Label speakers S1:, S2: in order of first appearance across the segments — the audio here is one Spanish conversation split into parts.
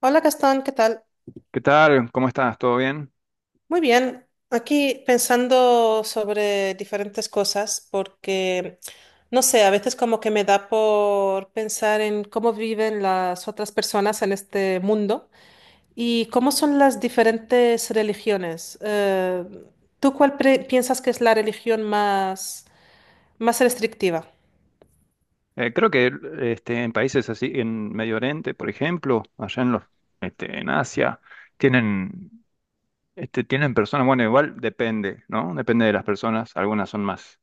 S1: Hola Gastón, ¿qué tal?
S2: ¿Qué tal? ¿Cómo estás? ¿Todo bien?
S1: Muy bien, aquí pensando sobre diferentes cosas porque, no sé, a veces como que me da por pensar en cómo viven las otras personas en este mundo y cómo son las diferentes religiones. ¿Tú cuál piensas que es la religión más restrictiva?
S2: Creo que en países así, en Medio Oriente, por ejemplo, allá en en Asia, tienen, tienen personas, bueno, igual depende, ¿no? Depende de las personas. Algunas son más,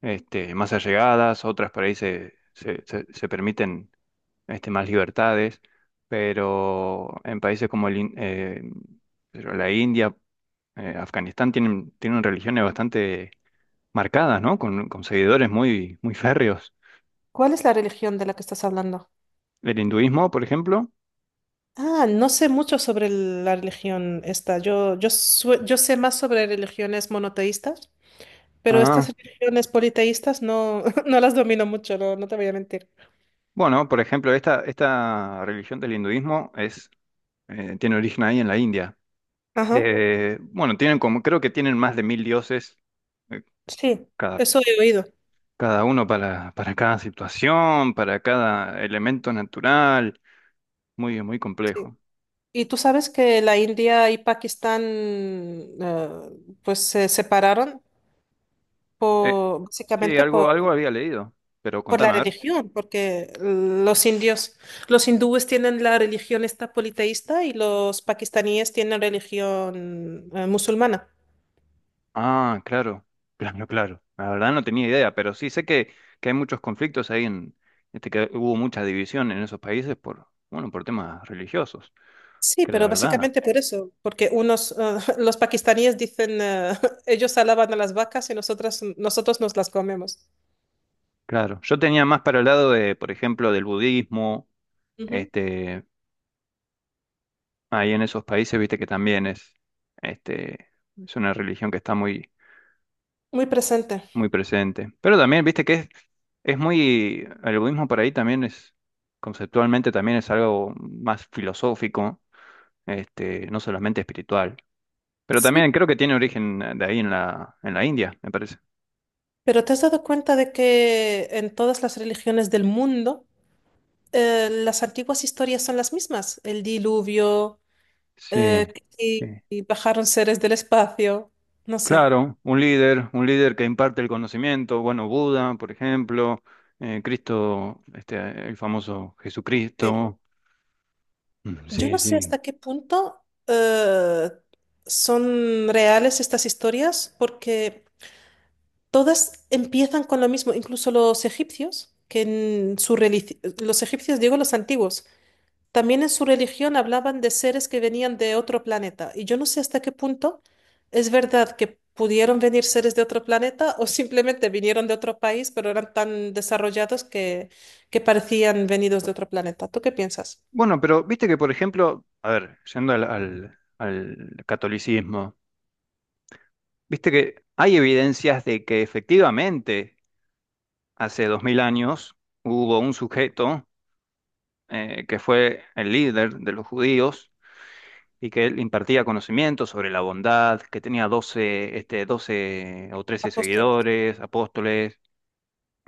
S2: más allegadas, otras por ahí se permiten más libertades, pero en países como pero la India, Afganistán, tienen religiones bastante marcadas, ¿no? Con seguidores muy, muy férreos.
S1: ¿Cuál es la religión de la que estás hablando?
S2: ¿Del hinduismo, por ejemplo?
S1: Ah, no sé mucho sobre la religión esta. Yo sé más sobre religiones monoteístas. Pero estas
S2: Ah,
S1: religiones politeístas no, no las domino mucho, no, no te voy a mentir.
S2: bueno, por ejemplo, esta religión del hinduismo es, tiene origen ahí en la India.
S1: Ajá,
S2: Bueno, tienen como, creo que tienen más de 1000 dioses, eh,
S1: sí,
S2: cada,
S1: eso he oído.
S2: cada uno para cada situación, para cada elemento natural. Muy, muy
S1: sí.
S2: complejo.
S1: Y tú sabes que la India y Pakistán pues se separaron
S2: Eh,
S1: por,
S2: sí,
S1: básicamente por,
S2: algo había leído, pero
S1: por la
S2: contame, a ver.
S1: religión, porque los indios, los hindúes tienen la religión esta politeísta y los pakistaníes tienen religión musulmana.
S2: Ah, claro, claro, claro. La verdad no tenía idea, pero sí sé que hay muchos conflictos ahí en, que hubo mucha división en esos países por, bueno, por temas religiosos,
S1: Sí,
S2: que la
S1: pero
S2: verdad,
S1: básicamente por eso, porque unos, los pakistaníes dicen, ellos alaban a las vacas y nosotras, nosotros nos las comemos.
S2: claro. Yo tenía más para el lado de, por ejemplo, del budismo,
S1: Ujú.
S2: este, ahí en esos países, viste que también este, es una religión que está muy,
S1: Muy presente.
S2: muy presente. Pero también, viste es muy, el budismo por ahí también es, conceptualmente también es algo más filosófico no solamente espiritual. Pero también
S1: Sí,
S2: creo que tiene origen de ahí en en la India, me parece.
S1: pero ¿te has dado cuenta de que en todas las religiones del mundo las antiguas historias son las mismas? El diluvio, eh,
S2: Sí,
S1: y,
S2: sí.
S1: y bajaron seres del espacio, no sé.
S2: Claro, un líder que imparte el conocimiento, bueno, Buda, por ejemplo, Cristo, el famoso
S1: Sí.
S2: Jesucristo.
S1: Yo no
S2: Sí,
S1: sé
S2: sí.
S1: hasta qué punto son reales estas historias porque. Todas empiezan con lo mismo, incluso los egipcios, que en su religión, los egipcios, digo los antiguos, también en su religión hablaban de seres que venían de otro planeta. Y yo no sé hasta qué punto es verdad que pudieron venir seres de otro planeta o simplemente vinieron de otro país, pero eran tan desarrollados que parecían venidos de otro planeta. ¿Tú qué piensas?
S2: Bueno, pero viste que, por ejemplo, a ver, yendo al catolicismo, viste que hay evidencias de que efectivamente hace 2000 años hubo un sujeto que fue el líder de los judíos y que él impartía conocimientos sobre la bondad, que tenía 12 o 13
S1: Apóstoles.
S2: seguidores, apóstoles,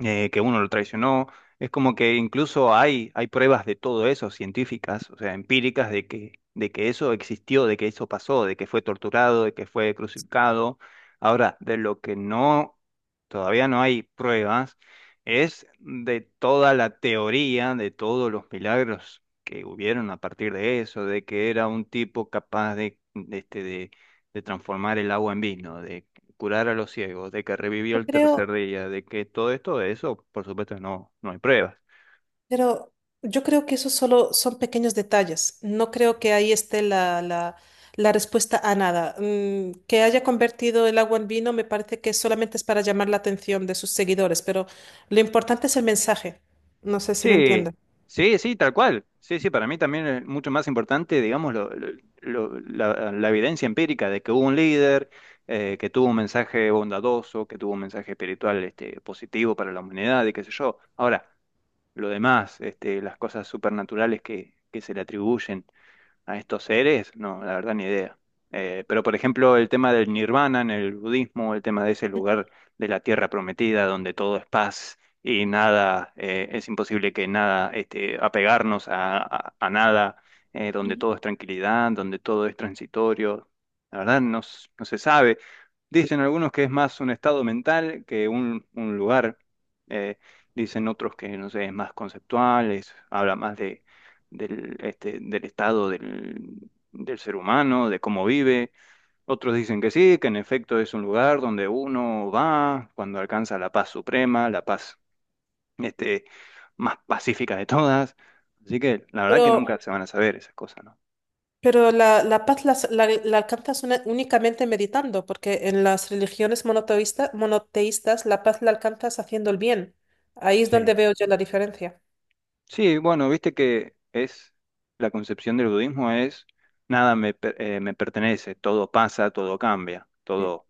S2: que uno lo traicionó. Es como que incluso hay pruebas de todo eso, científicas, o sea, empíricas, de que eso existió, de que eso pasó, de que fue torturado, de que fue crucificado. Ahora, de lo que no, todavía no hay pruebas, es de toda la teoría, de todos los milagros que hubieron a partir de eso, de que era un tipo capaz de transformar el agua en vino, curar a los ciegos, de que revivió
S1: Yo
S2: el
S1: creo,
S2: tercer día, de que todo esto, de eso, por supuesto, no hay pruebas.
S1: Pero yo creo que eso solo son pequeños detalles. No creo que ahí esté la respuesta a nada. Que haya convertido el agua en vino me parece que solamente es para llamar la atención de sus seguidores, pero lo importante es el mensaje. No sé si me
S2: Sí,
S1: entiende.
S2: sí, sí, tal cual. Sí, sí, para mí también es mucho más importante, digamos, la evidencia empírica de que hubo un líder, que tuvo un mensaje bondadoso, que tuvo un mensaje espiritual, positivo para la humanidad y qué sé yo. Ahora, lo demás, las cosas supernaturales que se le atribuyen a estos seres, no, la verdad ni idea. Pero por ejemplo, el tema del nirvana en el budismo, el tema de ese lugar de la tierra prometida donde todo es paz y nada, es imposible que nada, apegarnos a nada, donde
S1: Ujú.
S2: todo es tranquilidad, donde todo es transitorio. La verdad no, no se sabe. Dicen algunos que es más un estado mental que un lugar. Eh, Dicen otros que, no sé, es más conceptual, habla más del estado del ser humano, de cómo vive. Otros dicen que sí, que en efecto es un lugar donde uno va cuando alcanza la paz suprema, la paz este, más pacífica de todas. Así que la verdad que
S1: Pero,
S2: nunca se van a saber esas cosas, ¿no?
S1: pero la paz la alcanzas únicamente meditando, porque en las religiones monoteístas la paz la alcanzas haciendo el bien. Ahí es donde
S2: Sí.
S1: veo yo la diferencia.
S2: Sí, bueno, viste que es la concepción del budismo es nada me, per- me pertenece, todo pasa, todo cambia, todo,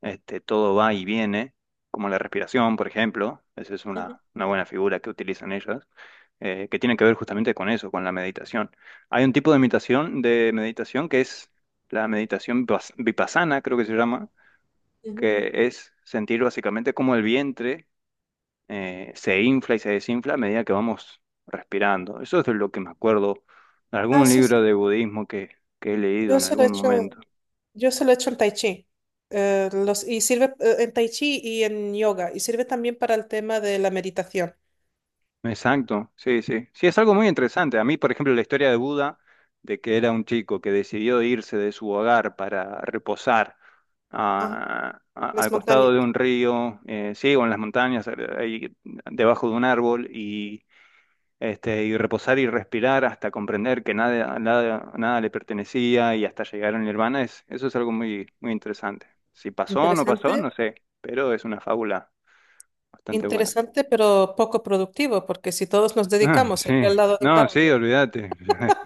S2: este, todo va y viene, como la respiración, por ejemplo, esa es
S1: Ujú,
S2: una buena figura que utilizan ellas, que tiene que ver justamente con eso, con la meditación. Hay un tipo de meditación que es la meditación vipassana, creo que se llama,
S1: ujú.
S2: que es sentir básicamente como el vientre se infla y se desinfla a medida que vamos respirando. Eso es de lo que me acuerdo de
S1: Ah,
S2: algún
S1: sí, sí.
S2: libro de budismo que he leído
S1: Yo
S2: en
S1: solo he
S2: algún
S1: hecho,
S2: momento.
S1: yo solo he hecho el tai chi. Y sirve en tai chi y en yoga. Y sirve también para el tema de la meditación.
S2: Exacto, sí, sí. Sí, es algo muy interesante. A mí, por ejemplo, la historia de Buda, de que era un chico que decidió irse de su hogar para reposar
S1: Ajá. Las
S2: al costado
S1: montañas.
S2: de un río, sí, o en las montañas, ahí debajo de un árbol, y reposar y respirar hasta comprender que nada, nada, nada le pertenecía y hasta llegar al nirvana, es, eso es algo muy, muy interesante. Si pasó o no
S1: Interesante,
S2: pasó, no sé, pero es una fábula bastante buena.
S1: interesante, pero poco productivo, porque si todos nos
S2: Ah,
S1: dedicamos a
S2: sí.
S1: ir al lado de un
S2: No, sí,
S1: árbol,
S2: olvídate.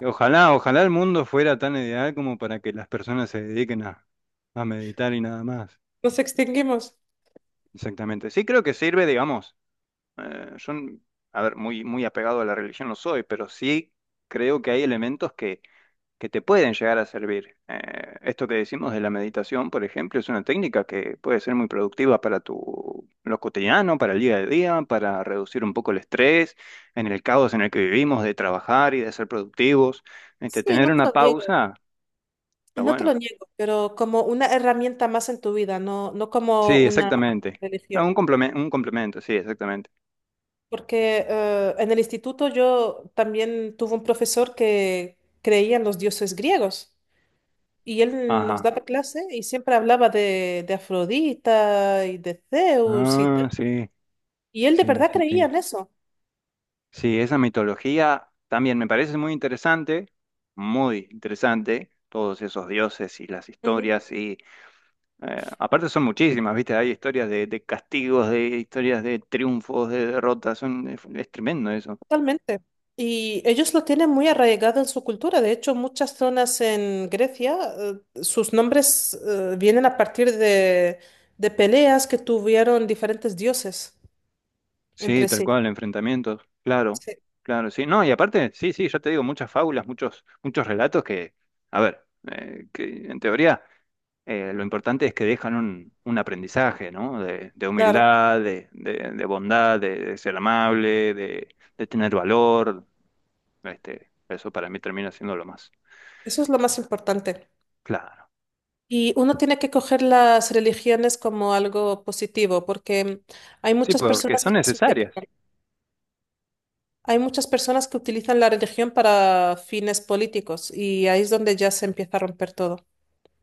S2: Ojalá, ojalá el mundo fuera tan ideal como para que las personas se dediquen a meditar y nada más.
S1: nos extinguimos.
S2: Exactamente. Sí, creo que sirve, digamos. eh, yo, a ver, muy, muy apegado a la religión no soy, pero sí creo que hay elementos que te pueden llegar a servir. Esto que decimos de la meditación, por ejemplo, es una técnica que puede ser muy productiva para tu, lo cotidiano, para el día a día, para reducir un poco el estrés, en el caos en el que vivimos, de trabajar y de ser productivos.
S1: Sí,
S2: Tener
S1: no te
S2: una
S1: lo niego,
S2: pausa, está
S1: no te lo
S2: bueno.
S1: niego, pero como una herramienta más en tu vida, no, no como
S2: Sí,
S1: una
S2: exactamente. Ah, un
S1: religión.
S2: complemento, un complemento, sí, exactamente.
S1: Porque en el instituto yo también tuve un profesor que creía en los dioses griegos y él nos
S2: Ajá.
S1: daba clase y siempre hablaba de Afrodita y de Zeus y tal.
S2: Ah, sí,
S1: Y él de
S2: sí,
S1: verdad
S2: sí,
S1: creía
S2: sí.
S1: en eso.
S2: Sí, esa mitología también me parece muy interesante, todos esos dioses y las
S1: Ujú.
S2: historias y aparte son muchísimas, ¿viste? Hay historias de castigos, de historias de triunfos, de derrotas, son, es tremendo eso.
S1: Totalmente. Y ellos lo tienen muy arraigado en su cultura. De hecho, muchas zonas en Grecia, sus nombres vienen a partir de peleas que tuvieron diferentes dioses
S2: Sí,
S1: entre
S2: tal
S1: sí.
S2: cual, enfrentamientos, claro,
S1: Sí,
S2: claro, sí, no, y aparte, sí, sí, ya te digo, muchas fábulas, muchos, muchos relatos que, a ver, eh, que en teoría lo importante es que dejan un aprendizaje, ¿no? De
S1: claro.
S2: humildad, de bondad, de ser amable, de tener valor. Eso para mí termina siendo lo más
S1: Eso es lo más importante.
S2: claro.
S1: Y uno tiene que coger las religiones como algo positivo, porque hay
S2: Sí,
S1: muchas
S2: porque
S1: personas
S2: son
S1: que las
S2: necesarias.
S1: utilizan. Hay muchas personas que utilizan la religión para fines políticos y ahí es donde ya se empieza a romper todo.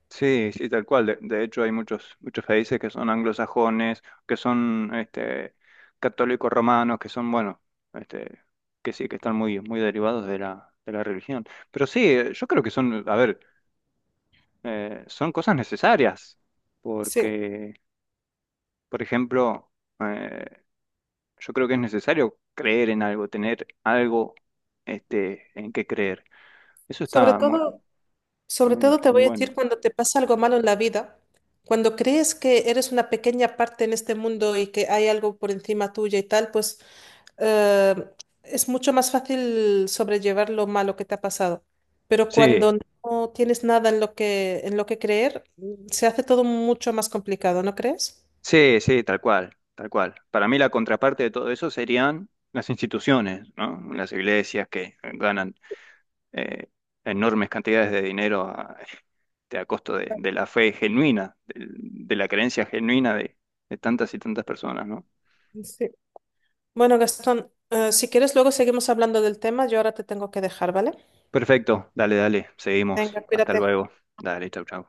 S2: Sí, sí, tal cual. De hecho, hay muchos, muchos países que son anglosajones, que son católicos romanos, que son, bueno, este, que sí, que están muy, muy derivados de de la religión. Pero sí, yo creo que son, a ver, son cosas necesarias,
S1: Sí.
S2: porque, por ejemplo, eh, yo creo que es necesario creer en algo, tener algo en qué creer. Eso
S1: Sobre
S2: está muy,
S1: todo, sobre
S2: muy,
S1: todo te
S2: muy
S1: voy a
S2: bueno.
S1: decir cuando te pasa algo malo en la vida, cuando crees que eres una pequeña parte en este mundo y que hay algo por encima tuya y tal, pues eh, es mucho más fácil sobrellevar lo malo que te ha pasado. Pero
S2: Sí,
S1: cuando no tienes nada en lo que creer, se hace todo mucho más complicado, ¿no crees?
S2: sí, sí, tal cual, tal cual. Para mí la contraparte de todo eso serían las instituciones, ¿no? Las iglesias que ganan eh, enormes cantidades de dinero a costo de la fe genuina, la creencia genuina de tantas y tantas personas, ¿no?
S1: Sí. Bueno, Gastón, si quieres, luego seguimos hablando del tema. Yo ahora te tengo que dejar, ¿vale?
S2: Perfecto, dale, dale, seguimos.
S1: Venga,
S2: Hasta
S1: cuídate.
S2: luego. Dale, chau, chau.